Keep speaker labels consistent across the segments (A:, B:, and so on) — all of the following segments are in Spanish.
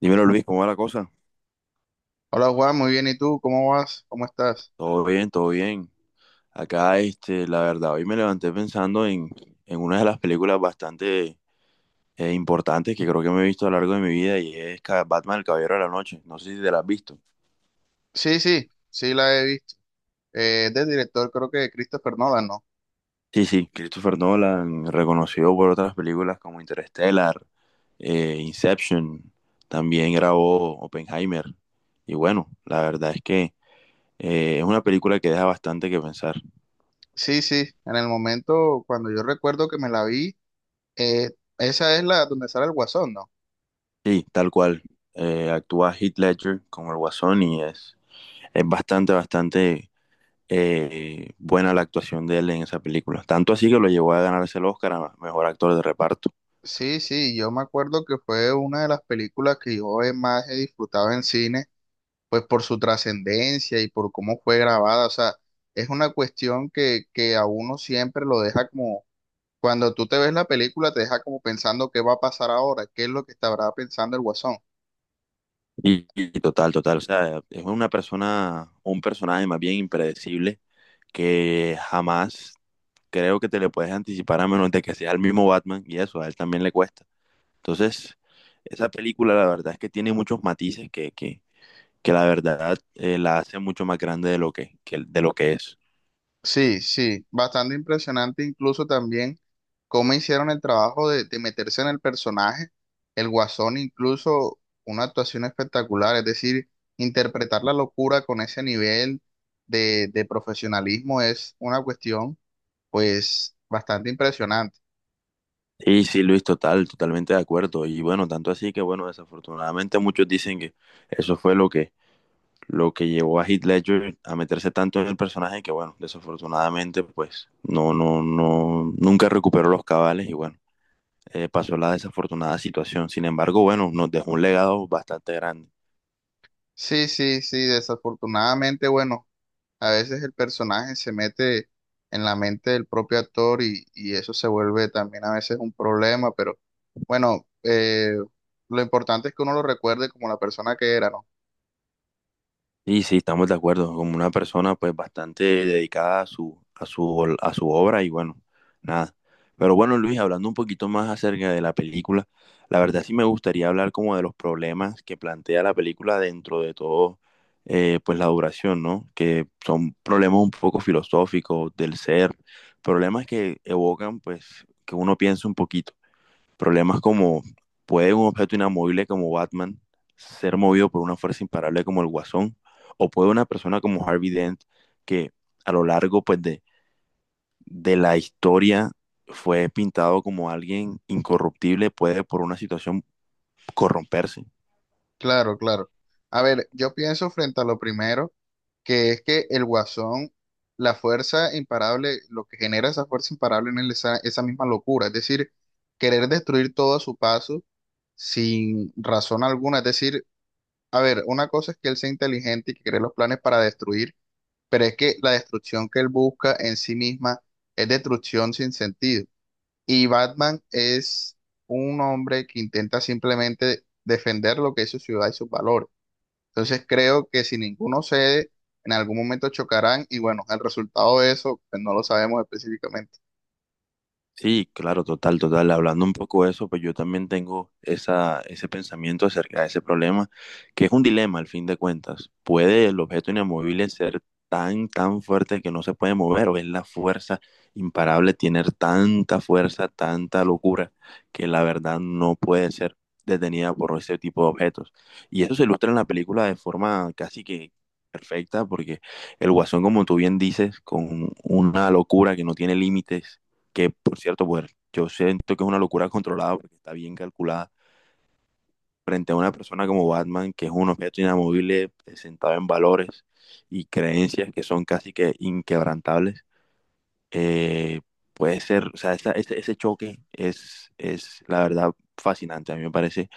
A: Dímelo Luis, ¿cómo va la cosa?
B: Hola Juan, muy bien. ¿Y tú? ¿Cómo vas? ¿Cómo estás?
A: Todo bien, todo bien. Acá, la verdad, hoy me levanté pensando en una de las películas bastante importantes que creo que me he visto a lo largo de mi vida y es Batman, el Caballero de la Noche. No sé si te la has visto.
B: Sí, sí, sí la he visto. Es del director, creo que de Christopher Nolan, ¿no?
A: Sí, sí, Christopher Nolan, reconocido por otras películas como Interstellar, Inception, también grabó Oppenheimer. Y bueno, la verdad es que es una película que deja bastante que pensar.
B: Sí, sí. En el momento, cuando yo recuerdo que me la vi, eh, esa es la donde sale el Guasón, ¿no?
A: Sí, tal cual. Actúa Heath Ledger como el Guasón y es bastante buena la actuación de él en esa película. Tanto así que lo llevó a ganarse el Oscar a mejor actor de reparto.
B: Sí, sí. Yo me acuerdo que fue una de las películas que yo he más he disfrutado en cine, pues por su trascendencia y por cómo fue grabada. O sea, es una cuestión que a uno siempre lo deja como cuando tú te ves la película, te deja como pensando qué va a pasar ahora, qué es lo que estará pensando el Guasón.
A: Y total, total. O sea, es una persona, un personaje más bien impredecible que jamás creo que te le puedes anticipar a menos de que sea el mismo Batman y eso, a él también le cuesta. Entonces, esa película la verdad es que tiene muchos matices que la verdad la hace mucho más grande de lo de lo que es.
B: Sí, sí, bastante impresionante, incluso también cómo hicieron el trabajo de meterse en el personaje. El Guasón incluso una actuación espectacular, es decir, interpretar la locura con ese nivel de profesionalismo es una cuestión pues bastante impresionante.
A: Sí, sí, Luis, total, totalmente de acuerdo. Y bueno, tanto así que bueno, desafortunadamente muchos dicen que eso fue lo que llevó a Heath Ledger a meterse tanto en el personaje que bueno, desafortunadamente pues no, no, no, nunca recuperó los cabales y bueno, pasó la desafortunada situación. Sin embargo, bueno, nos dejó un legado bastante grande.
B: Sí, sí, sí, desafortunadamente, bueno. A veces el personaje se mete en la mente del propio actor y eso se vuelve también a veces un problema, pero bueno, lo importante es que uno lo recuerde como la persona que era, ¿no?
A: Sí, sí, estamos de acuerdo, como una persona pues bastante dedicada a a su obra y bueno, nada. Pero bueno, Luis, hablando un poquito más acerca de la película, la verdad sí me gustaría hablar como de los problemas que plantea la película dentro de todo, pues la duración, ¿no? Que son problemas un poco filosóficos del ser, problemas que evocan pues que uno piense un poquito. Problemas como, ¿puede un objeto inamovible como Batman ser movido por una fuerza imparable como el Guasón? ¿O puede una persona como Harvey Dent, que a lo largo de la historia fue pintado como alguien incorruptible, puede por una situación corromperse?
B: Claro, claro. A ver, yo pienso frente a lo primero, que es que el Guasón, la fuerza imparable, lo que genera esa fuerza imparable en él es esa misma locura, es decir, querer destruir todo a su paso sin razón alguna, es decir, a ver, una cosa es que él sea inteligente y que cree los planes para destruir, pero es que la destrucción que él busca en sí misma es destrucción sin sentido. Y Batman es un hombre que intenta simplemente defender lo que es su ciudad y sus valores. Entonces creo que si ninguno cede, en algún momento chocarán y bueno, el resultado de eso pues, no lo sabemos específicamente.
A: Sí, claro, total, total. Hablando un poco de eso, pues yo también tengo esa, ese pensamiento acerca de ese problema, que es un dilema al fin de cuentas. ¿Puede el objeto inamovible ser tan fuerte que no se puede mover o es la fuerza imparable tener tanta fuerza, tanta locura, que la verdad no puede ser detenida por ese tipo de objetos? Y eso se ilustra en la película de forma casi que perfecta, porque el Guasón, como tú bien dices, con una locura que no tiene límites que por cierto, pues yo siento que es una locura controlada porque está bien calculada frente a una persona como Batman, que es un objeto inamovible sentado en valores y creencias que son casi que inquebrantables. eh, Puede ser, o sea, ese choque es la verdad fascinante, a mí me parece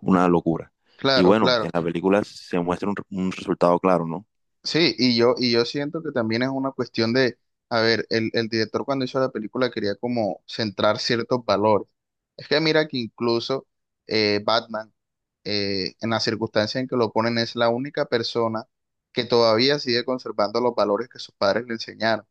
A: una locura. Y
B: Claro,
A: bueno, en
B: claro.
A: la película se muestra un resultado claro, ¿no?
B: Sí, y yo siento que también es una cuestión de, a ver, el director cuando hizo la película quería como centrar ciertos valores. Es que mira que incluso Batman, en la circunstancia en que lo ponen, es la única persona que todavía sigue conservando los valores que sus padres le enseñaron.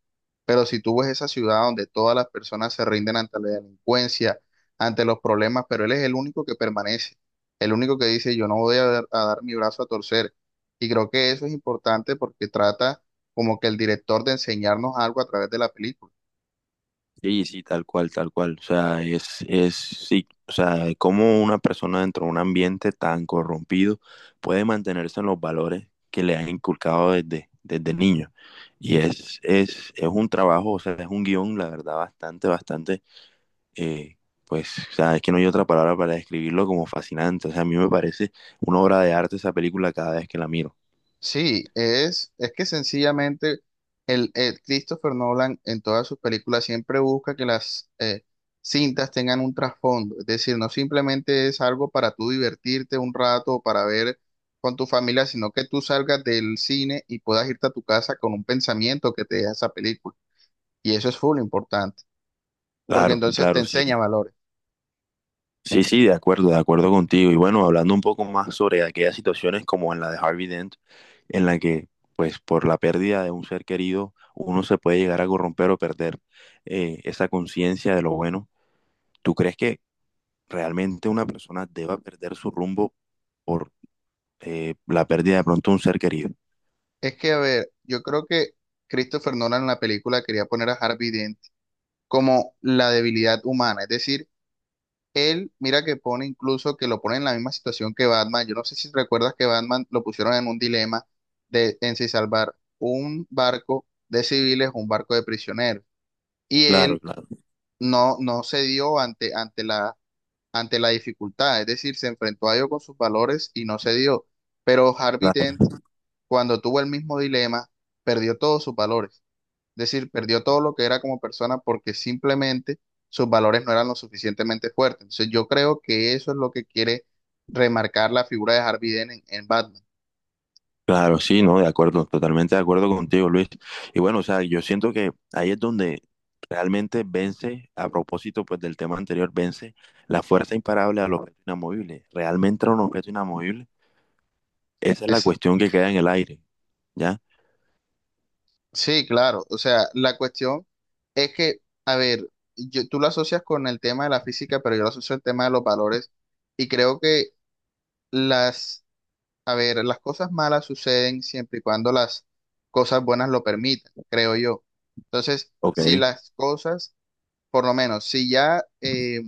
B: Pero si tú ves esa ciudad donde todas las personas se rinden ante la delincuencia, ante los problemas, pero él es el único que permanece, el único que dice, yo no voy a dar mi brazo a torcer y creo que eso es importante porque trata como que el director de enseñarnos algo a través de la película.
A: Sí, sí, tal cual, tal cual. O sea, sí, o sea, cómo una persona dentro de un ambiente tan corrompido puede mantenerse en los valores que le han inculcado desde niño. Y es un trabajo, o sea, es un guión, la verdad, eh, pues, o sea, es que no hay otra palabra para describirlo como fascinante. O sea, a mí me parece una obra de arte esa película cada vez que la miro.
B: Sí, es que sencillamente el Christopher Nolan en todas sus películas siempre busca que las cintas tengan un trasfondo. Es decir, no simplemente es algo para tú divertirte un rato o para ver con tu familia, sino que tú salgas del cine y puedas irte a tu casa con un pensamiento que te deja esa película. Y eso es full importante, porque
A: Claro,
B: entonces te
A: claro, sí.
B: enseña valores.
A: Sí, sí, de acuerdo contigo. Y bueno, hablando un poco más sobre aquellas situaciones como en la de Harvey Dent, en la que, pues, por la pérdida de un ser querido, uno se puede llegar a corromper o perder esa conciencia de lo bueno. ¿Tú crees que realmente una persona deba perder su rumbo por la pérdida de pronto de un ser querido?
B: Es que, a ver, yo creo que Christopher Nolan en la película quería poner a Harvey Dent como la debilidad humana. Es decir, él, mira que pone incluso que lo pone en la misma situación que Batman. Yo no sé si recuerdas que Batman lo pusieron en un dilema de en si salvar un barco de civiles o un barco de prisioneros. Y
A: Claro,
B: él
A: claro.
B: no cedió ante ante la dificultad. Es decir, se enfrentó a ello con sus valores y no cedió. Pero Harvey Dent,
A: Claro.
B: cuando tuvo el mismo dilema, perdió todos sus valores. Decir, perdió todo lo que era como persona porque simplemente sus valores no eran lo suficientemente fuertes. Entonces yo creo que eso es lo que quiere remarcar la figura de Harvey Dent en Batman.
A: Claro, sí, no, de acuerdo, totalmente de acuerdo contigo, Luis. Y bueno, o sea, yo siento que ahí es donde realmente vence, a propósito pues del tema anterior, vence la fuerza imparable al objeto inamovible. Realmente era un objeto inamovible, esa es la
B: Esa.
A: cuestión que queda en el aire, ¿ya?
B: Sí, claro. O sea, la cuestión es que, a ver, tú lo asocias con el tema de la física, pero yo lo asocio al tema de los valores y creo que las, a ver, las cosas malas suceden siempre y cuando las cosas buenas lo permitan, creo yo. Entonces,
A: Ok.
B: si las cosas por lo menos, si ya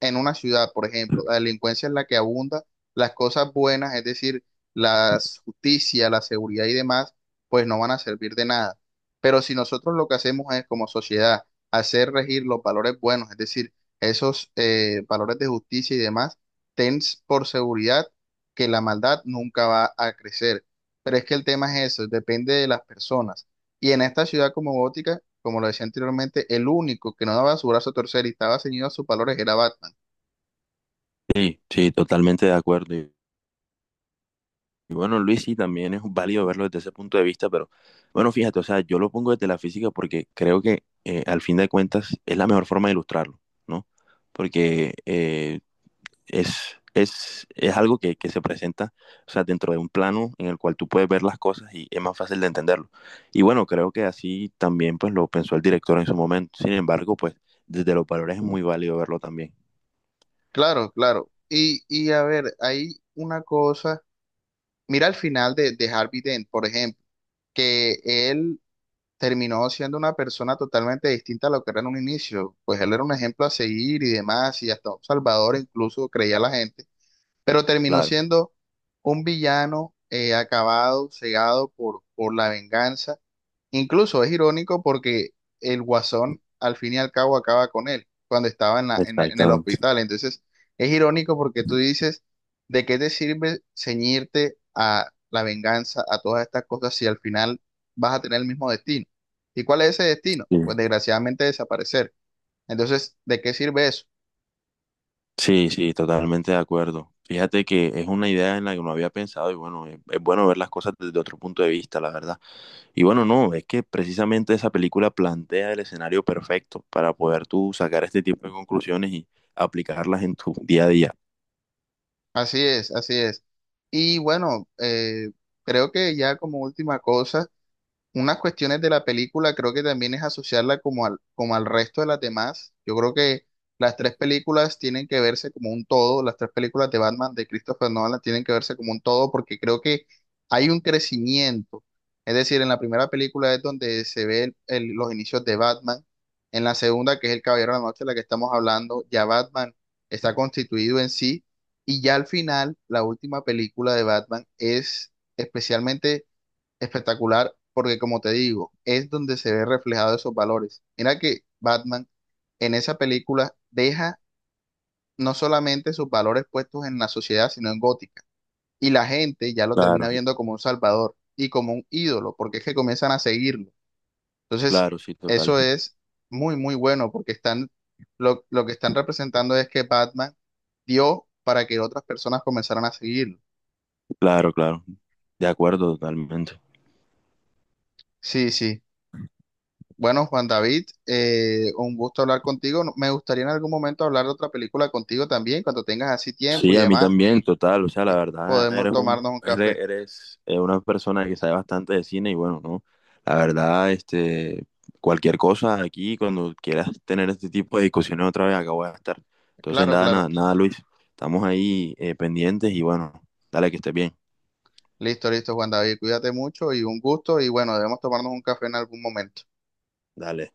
B: en una ciudad, por ejemplo, la delincuencia es la que abunda, las cosas buenas, es decir, la justicia, la seguridad y demás, pues no van a servir de nada. Pero si nosotros lo que hacemos es, como sociedad, hacer regir los valores buenos, es decir, esos valores de justicia y demás, ten por seguridad que la maldad nunca va a crecer. Pero es que el tema es eso, depende de las personas. Y en esta ciudad como Gótica, como lo decía anteriormente, el único que no daba su brazo a torcer y estaba ceñido a sus valores era Batman.
A: Sí, sí, totalmente de acuerdo. Y bueno, Luis, sí, también es válido verlo desde ese punto de vista, pero bueno, fíjate, o sea, yo lo pongo desde la física porque creo que al fin de cuentas es la mejor forma de ilustrarlo, ¿no? Porque, es algo que se presenta, o sea, dentro de un plano en el cual tú puedes ver las cosas y es más fácil de entenderlo. Y bueno, creo que así también pues lo pensó el director en su momento. Sin embargo, pues desde los valores es muy válido verlo también.
B: Claro, claro. Y a ver, hay una cosa. Mira al final de Harvey Dent, por ejemplo, que él terminó siendo una persona totalmente distinta a lo que era en un inicio. Pues él era un ejemplo a seguir y demás, y hasta un salvador incluso creía la gente, pero terminó
A: Claro,
B: siendo un villano acabado, cegado por la venganza. Incluso es irónico porque el Guasón al fin y al cabo acaba con él cuando estaba en el
A: exactamente.
B: hospital. Entonces es irónico porque tú dices, ¿de qué te sirve ceñirte a la venganza, a todas estas cosas si al final vas a tener el mismo destino? ¿Y cuál es ese destino?
A: Sí,
B: Pues desgraciadamente desaparecer. Entonces, ¿de qué sirve eso?
A: sí, sí, totalmente de acuerdo. Fíjate que es una idea en la que no había pensado y bueno, es bueno ver las cosas desde otro punto de vista, la verdad. Y bueno, no, es que precisamente esa película plantea el escenario perfecto para poder tú sacar este tipo de conclusiones y aplicarlas en tu día a día.
B: Así es, así es. Y bueno, creo que ya como última cosa, unas cuestiones de la película creo que también es asociarla como al resto de las demás. Yo creo que las tres películas tienen que verse como un todo, las tres películas de Batman de Christopher Nolan tienen que verse como un todo porque creo que hay un crecimiento. Es decir, en la primera película es donde se ve los inicios de Batman, en la segunda, que es El Caballero de la Noche, de la que estamos hablando, ya Batman está constituido en sí y ya al final, la última película de Batman es especialmente espectacular porque, como te digo, es donde se ve reflejado esos valores. Mira que Batman en esa película deja no solamente sus valores puestos en la sociedad, sino en Gótica. Y la gente ya lo termina
A: Claro,
B: viendo como un salvador y como un ídolo, porque es que comienzan a seguirlo. Entonces,
A: claro, sí, total.
B: eso es muy, muy bueno porque están, lo que están representando es que Batman dio para que otras personas comenzaran a seguirlo.
A: Claro, claro. De acuerdo, totalmente.
B: Sí, sí. Bueno, Juan David, un gusto hablar contigo. Me gustaría en algún momento hablar de otra película contigo también, cuando tengas así tiempo
A: Sí,
B: y
A: a mí
B: demás,
A: también, total. O sea, la verdad,
B: podemos
A: eres
B: tomarnos un café.
A: eres una persona que sabe bastante de cine y bueno, ¿no? La verdad, cualquier cosa aquí, cuando quieras tener este tipo de discusiones otra vez, acá voy a estar. Entonces,
B: Claro,
A: nada,
B: claro.
A: nada, nada, Luis. Estamos ahí pendientes y bueno, dale que estés bien.
B: Listo, listo, Juan David, cuídate mucho y un gusto y bueno, debemos tomarnos un café en algún momento.
A: Dale.